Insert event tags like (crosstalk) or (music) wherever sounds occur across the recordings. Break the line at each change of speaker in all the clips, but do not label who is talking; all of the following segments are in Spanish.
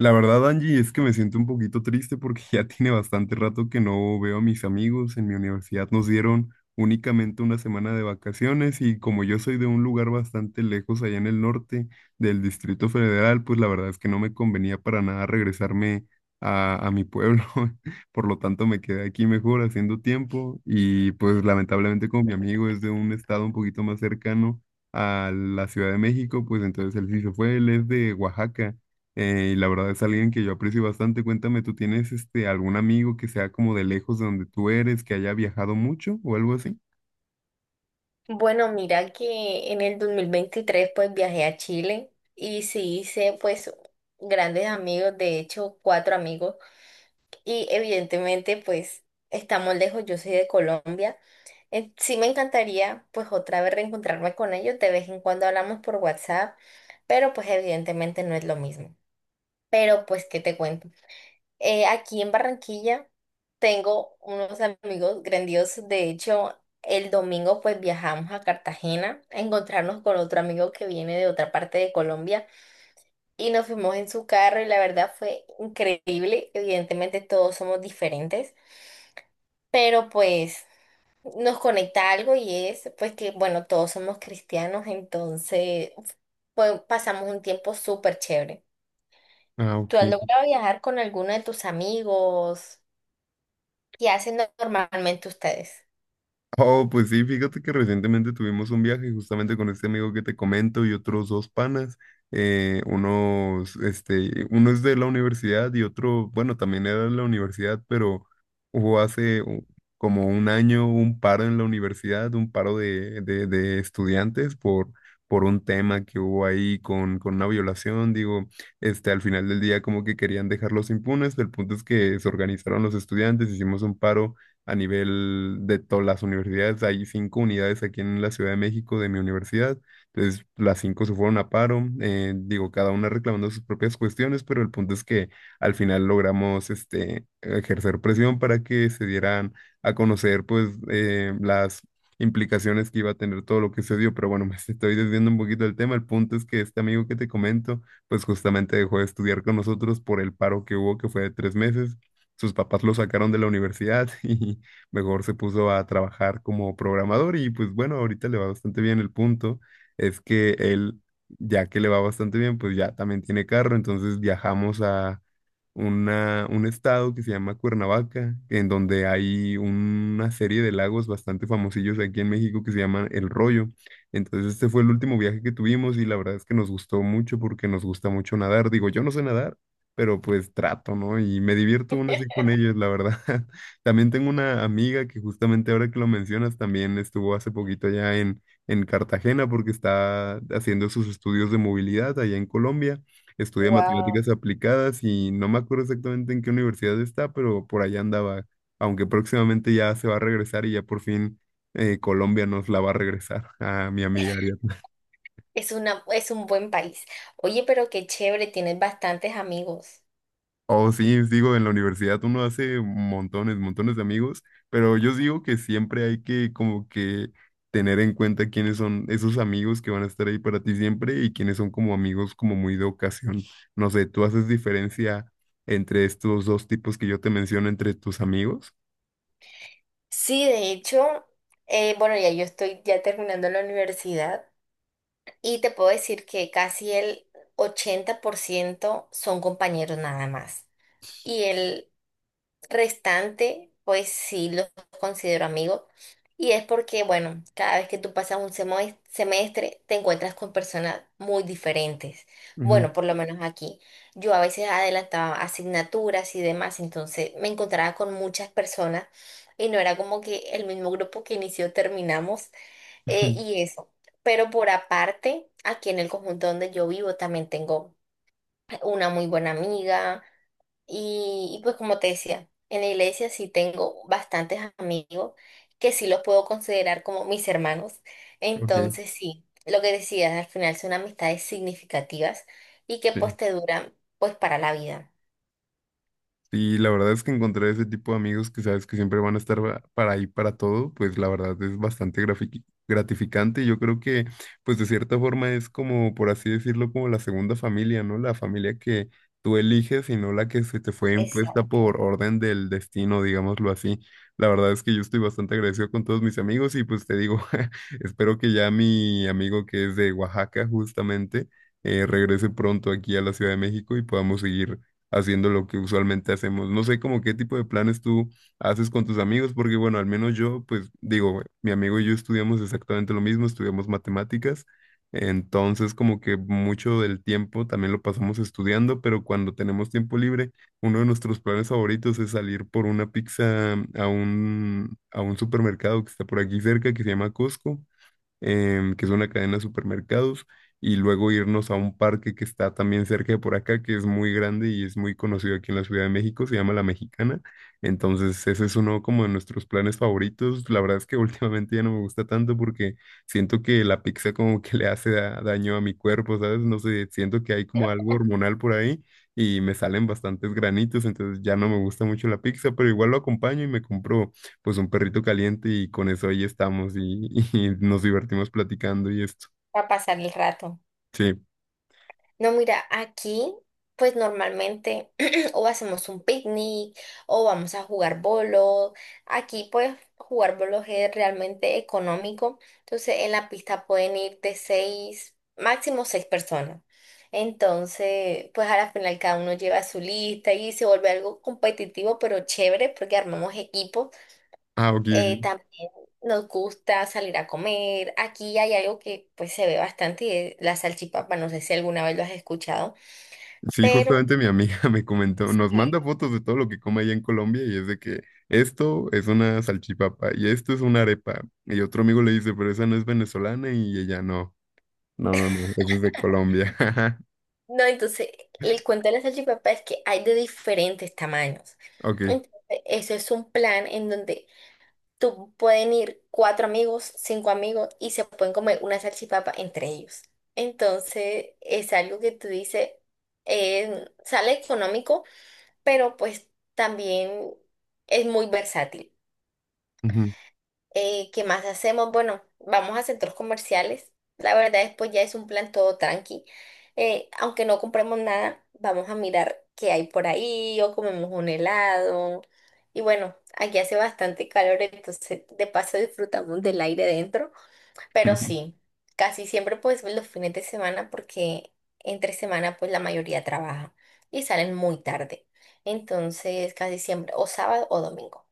La verdad, Angie, es que me siento un poquito triste porque (laughs) ya tiene bastante rato que no veo a mis amigos. En mi universidad nos dieron únicamente una semana de vacaciones y como yo soy de un lugar bastante lejos allá en el norte del Distrito Federal, pues la verdad es que no me convenía para nada regresarme a mi pueblo. (laughs) Por lo tanto, me quedé aquí mejor haciendo tiempo y pues lamentablemente como mi amigo es de un estado un poquito más cercano a la Ciudad de México, pues entonces él sí se fue, él es de Oaxaca. Y la verdad es alguien que yo aprecio bastante. Cuéntame, ¿tú tienes este algún amigo que sea como de lejos de donde tú eres, que haya viajado mucho o algo así?
Bueno, mira que en el 2023, pues viajé a Chile y sí hice pues grandes amigos, de hecho cuatro amigos y evidentemente pues estamos lejos, yo soy de Colombia. Sí me encantaría pues otra vez reencontrarme con ellos, de vez en cuando hablamos por WhatsApp, pero pues evidentemente no es lo mismo. Pero pues, ¿qué te cuento? Aquí en Barranquilla tengo unos amigos grandiosos. De hecho, el domingo pues viajamos a Cartagena a encontrarnos con otro amigo que viene de otra parte de Colombia y nos fuimos en su carro y la verdad fue increíble. Evidentemente todos somos diferentes, pero pues nos conecta algo y es pues que bueno, todos somos cristianos, entonces pues pasamos un tiempo súper chévere.
Ah,
¿Tú has
ok.
logrado viajar con alguno de tus amigos? ¿Qué hacen normalmente ustedes?
Oh, pues sí, fíjate que recientemente tuvimos un viaje justamente con este amigo que te comento y otros dos panas. Uno es de la universidad y otro, bueno, también era de la universidad, pero hubo hace como un año un paro en la universidad, un paro de estudiantes por un tema que hubo ahí con una violación. Digo, al final del día como que querían dejarlos impunes, el punto es que se organizaron los estudiantes, hicimos un paro a nivel de todas las universidades. Hay cinco unidades aquí en la Ciudad de México de mi universidad. Entonces, las cinco se fueron a paro. Digo, cada una reclamando sus propias cuestiones, pero el punto es que al final logramos ejercer presión para que se dieran a conocer pues las implicaciones que iba a tener todo lo que se dio, pero bueno, (laughs) me estoy desviando un poquito del tema. El punto es que este amigo que te comento, pues justamente dejó de estudiar con nosotros por el paro que hubo, que fue de 3 meses, sus papás lo sacaron de la universidad (laughs) y mejor se puso a trabajar como programador y pues bueno, ahorita le va bastante bien. El punto es que él, ya que le va bastante bien, pues ya también tiene carro, entonces viajamos a un estado que se llama Cuernavaca, en donde hay una serie de lagos bastante famosillos aquí en México que se llaman El Rollo. Entonces este fue el último viaje que tuvimos y la verdad es que nos gustó mucho porque nos gusta mucho nadar. Digo, yo no sé nadar, pero pues trato, ¿no? Y me divierto aún así con ellos, la verdad. (laughs) También tengo una amiga que justamente ahora que lo mencionas, también estuvo hace poquito allá en Cartagena porque está haciendo sus estudios de movilidad allá en Colombia. Estudia
Wow,
matemáticas aplicadas y no me acuerdo exactamente en qué universidad está, pero por allá andaba, aunque próximamente ya se va a regresar y ya por fin Colombia nos la va a regresar a mi amiga Ariadna.
es una, es un buen país. Oye, pero qué chévere, tienes bastantes amigos.
Oh, sí, digo, en la universidad uno hace montones, montones de amigos, pero yo digo que siempre hay que como que tener en cuenta quiénes son esos amigos que van a estar ahí para ti siempre y quiénes son como amigos como muy de ocasión. No sé, ¿tú haces diferencia entre estos dos tipos que yo te menciono entre tus amigos?
Sí, de hecho, bueno, ya yo estoy ya terminando la universidad y te puedo decir que casi el 80% son compañeros nada más. Y el restante, pues sí los considero amigos. Y es porque, bueno, cada vez que tú pasas un semestre, te encuentras con personas muy diferentes.
Ujú.
Bueno, por lo menos aquí. Yo a veces adelantaba asignaturas y demás, entonces me encontraba con muchas personas y no era como que el mismo grupo que inició terminamos,
(laughs)
y eso. Pero por aparte, aquí en el conjunto donde yo vivo también tengo una muy buena amiga y pues como te decía, en la iglesia sí tengo bastantes amigos que sí los puedo considerar como mis hermanos.
Ok,
Entonces sí, lo que decías, al final son amistades significativas y que pues
sí.
te duran pues para la vida.
Y la verdad es que encontrar ese tipo de amigos que sabes que siempre van a estar para ahí para todo, pues la verdad es bastante gratificante. Yo creo que, pues de cierta forma es como, por así decirlo, como la segunda familia, ¿no? La familia que tú eliges y no la que se te fue impuesta
Exacto,
por orden del destino, digámoslo así. La verdad es que yo estoy bastante agradecido con todos mis amigos y pues te digo, (laughs) espero que ya mi amigo que es de Oaxaca justamente regrese pronto aquí a la Ciudad de México y podamos seguir haciendo lo que usualmente hacemos. No sé como qué tipo de planes tú haces con tus amigos, porque bueno, al menos yo, pues digo, mi amigo y yo estudiamos exactamente lo mismo, estudiamos matemáticas, entonces como que mucho del tiempo también lo pasamos estudiando, pero cuando tenemos tiempo libre, uno de nuestros planes favoritos es salir por una pizza a un supermercado que está por aquí cerca, que se llama Costco, que es una cadena de supermercados, y luego irnos a un parque que está también cerca de por acá, que es muy grande y es muy conocido aquí en la Ciudad de México, se llama La Mexicana. Entonces, ese es uno como de nuestros planes favoritos. La verdad es que (laughs) últimamente ya no me gusta tanto porque siento que la pizza como que le hace daño a mi cuerpo, ¿sabes? No sé, siento que hay como algo hormonal por ahí. Y me salen bastantes granitos, entonces ya no me gusta mucho la pizza, pero igual lo acompaño y me compro pues un perrito caliente y con eso ahí estamos (laughs) y nos divertimos platicando y esto.
para pasar el rato.
Sí.
No, mira, aquí pues normalmente (clears throat) o hacemos un picnic o vamos a jugar bolos. Aquí pues jugar bolos es realmente económico. Entonces en la pista pueden ir de seis, máximo seis personas. Entonces pues a la final cada uno lleva su lista y se vuelve algo competitivo pero chévere porque armamos equipos.
Ah, ok, ok.
También nos gusta salir a comer. Aquí hay algo que pues se ve bastante y es la salchipapa. No sé si alguna vez lo has escuchado.
Sí,
Pero
justamente mi amiga (laughs) me comentó, nos manda
sí,
fotos de todo lo que come allá en Colombia y es de que esto es una salchipapa y esto es una arepa. Y otro amigo le dice, pero esa no es venezolana y ella no. No, no, no, esa es de Colombia. (laughs)
no, entonces el cuento de la salchipapa es que hay de diferentes tamaños.
Ok.
Entonces, eso es un plan en donde tú pueden ir cuatro amigos, cinco amigos y se pueden comer una salchipapa entre ellos. Entonces, es algo que tú dices, sale económico, pero pues también es muy versátil.
Ujú.
¿Qué más hacemos? Bueno, vamos a centros comerciales. La verdad, después ya es un plan todo tranqui. Aunque no compremos nada, vamos a mirar qué hay por ahí o comemos un helado. Y bueno, aquí hace bastante calor, entonces de paso disfrutamos del aire dentro. Pero
(laughs)
sí, casi siempre pues los fines de semana porque entre semana pues la mayoría trabaja y salen muy tarde. Entonces casi siempre o sábado o domingo.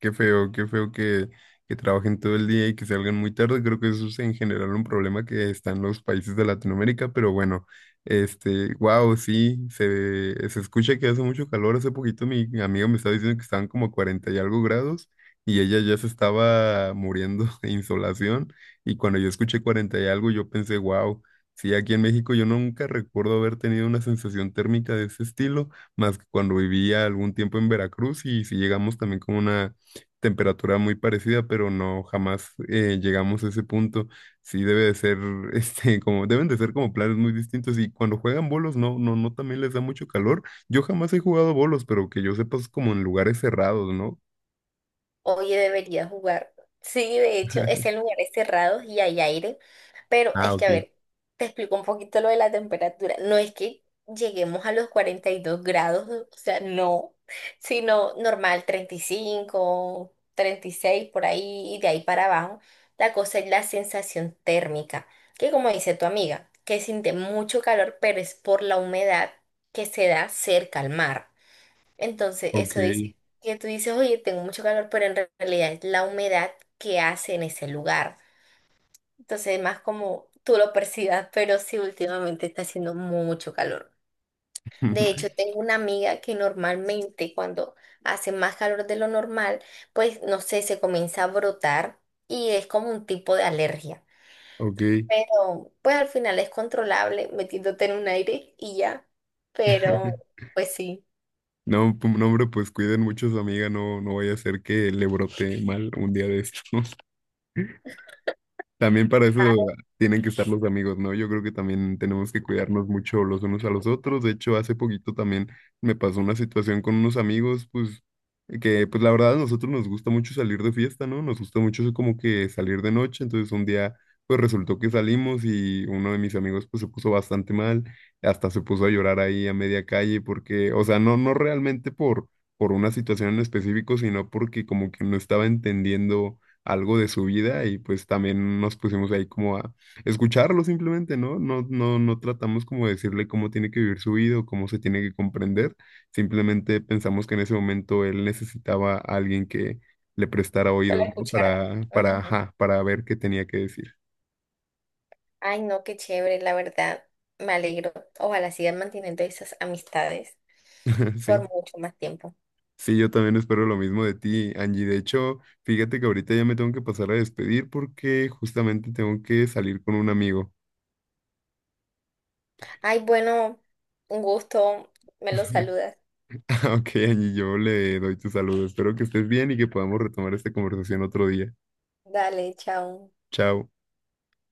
Qué feo que trabajen todo el día y que salgan muy tarde. Creo que eso es en general un problema que está en los países de Latinoamérica, pero bueno, wow, sí, se escucha que hace mucho calor. Hace poquito mi amiga me estaba diciendo que estaban como 40 y algo grados y ella ya se estaba muriendo (laughs) de insolación. Y cuando yo escuché 40 y algo, yo pensé, wow, sí, aquí en México yo nunca recuerdo haber tenido una sensación térmica de ese estilo, más que cuando vivía algún tiempo en Veracruz y si llegamos también como una temperatura muy parecida, pero no jamás llegamos a ese punto. Sí debe de ser, (laughs) este, como, deben de ser como planes muy distintos. Y cuando juegan bolos, no, no, no también les da mucho calor. Yo jamás he jugado bolos, pero que yo sepa es como en lugares cerrados, ¿no?
Oye, debería jugar. Sí, de hecho, es
(laughs)
en lugares cerrados y hay aire, pero
Ah,
es que, a
ok,
ver, te explico un poquito lo de la temperatura. No es que lleguemos a los 42 grados, o sea, no, sino normal, 30, 35, 36 por ahí y de ahí para abajo. La cosa es la sensación térmica, que como dice tu amiga, que siente mucho calor, pero es por la humedad que se da cerca al mar. Entonces,
ok,
eso dice que tú dices, oye, tengo mucho calor, pero en realidad es la humedad que hace en ese lugar. Entonces, es más como tú lo percibas, pero sí, últimamente está haciendo mucho calor. De hecho,
(laughs)
tengo una amiga que normalmente cuando hace más calor de lo normal, pues no sé, se comienza a brotar y es como un tipo de alergia.
ok.
Pero pues al final es controlable metiéndote en un aire y ya. Pero
(laughs)
pues sí,
No, no, hombre, pues cuiden mucho a su amiga, no, no vaya a ser que le brote mal un día de estos. (laughs) También para eso tienen que estar los amigos, ¿no? Yo creo que también tenemos que cuidarnos mucho los unos a los otros. De hecho, hace poquito también me pasó una situación con unos amigos, pues, que pues la verdad a nosotros nos gusta mucho salir de fiesta, ¿no? Nos gusta mucho como que salir de noche. Entonces un día, pues resultó que salimos y uno de mis amigos pues se puso bastante mal. Hasta se puso a llorar ahí a media calle porque, o sea, no, no realmente por una situación en específico, sino porque como que no estaba entendiendo algo de su vida y pues también nos pusimos ahí como a escucharlo simplemente, ¿no? No, no, no tratamos como de decirle cómo tiene que vivir su vida o cómo se tiene que comprender, simplemente pensamos que en ese momento él necesitaba a alguien que le prestara
que la
oídos, ¿no?
escuchara.
Ajá, para ver qué tenía que decir.
Ay, no, qué chévere, la verdad. Me alegro. Ojalá sigan manteniendo esas amistades
(laughs)
por
Sí.
mucho más tiempo.
Sí, yo también espero lo mismo de ti, Angie. De hecho, fíjate que ahorita ya me tengo que pasar a despedir porque justamente tengo que salir con un amigo.
Ay, bueno, un gusto. Me los
(laughs)
saludas.
(laughs) Ok, Angie, yo le doy tu saludo. Espero que estés bien y que podamos retomar esta conversación otro día.
Dale, chao.
Chao.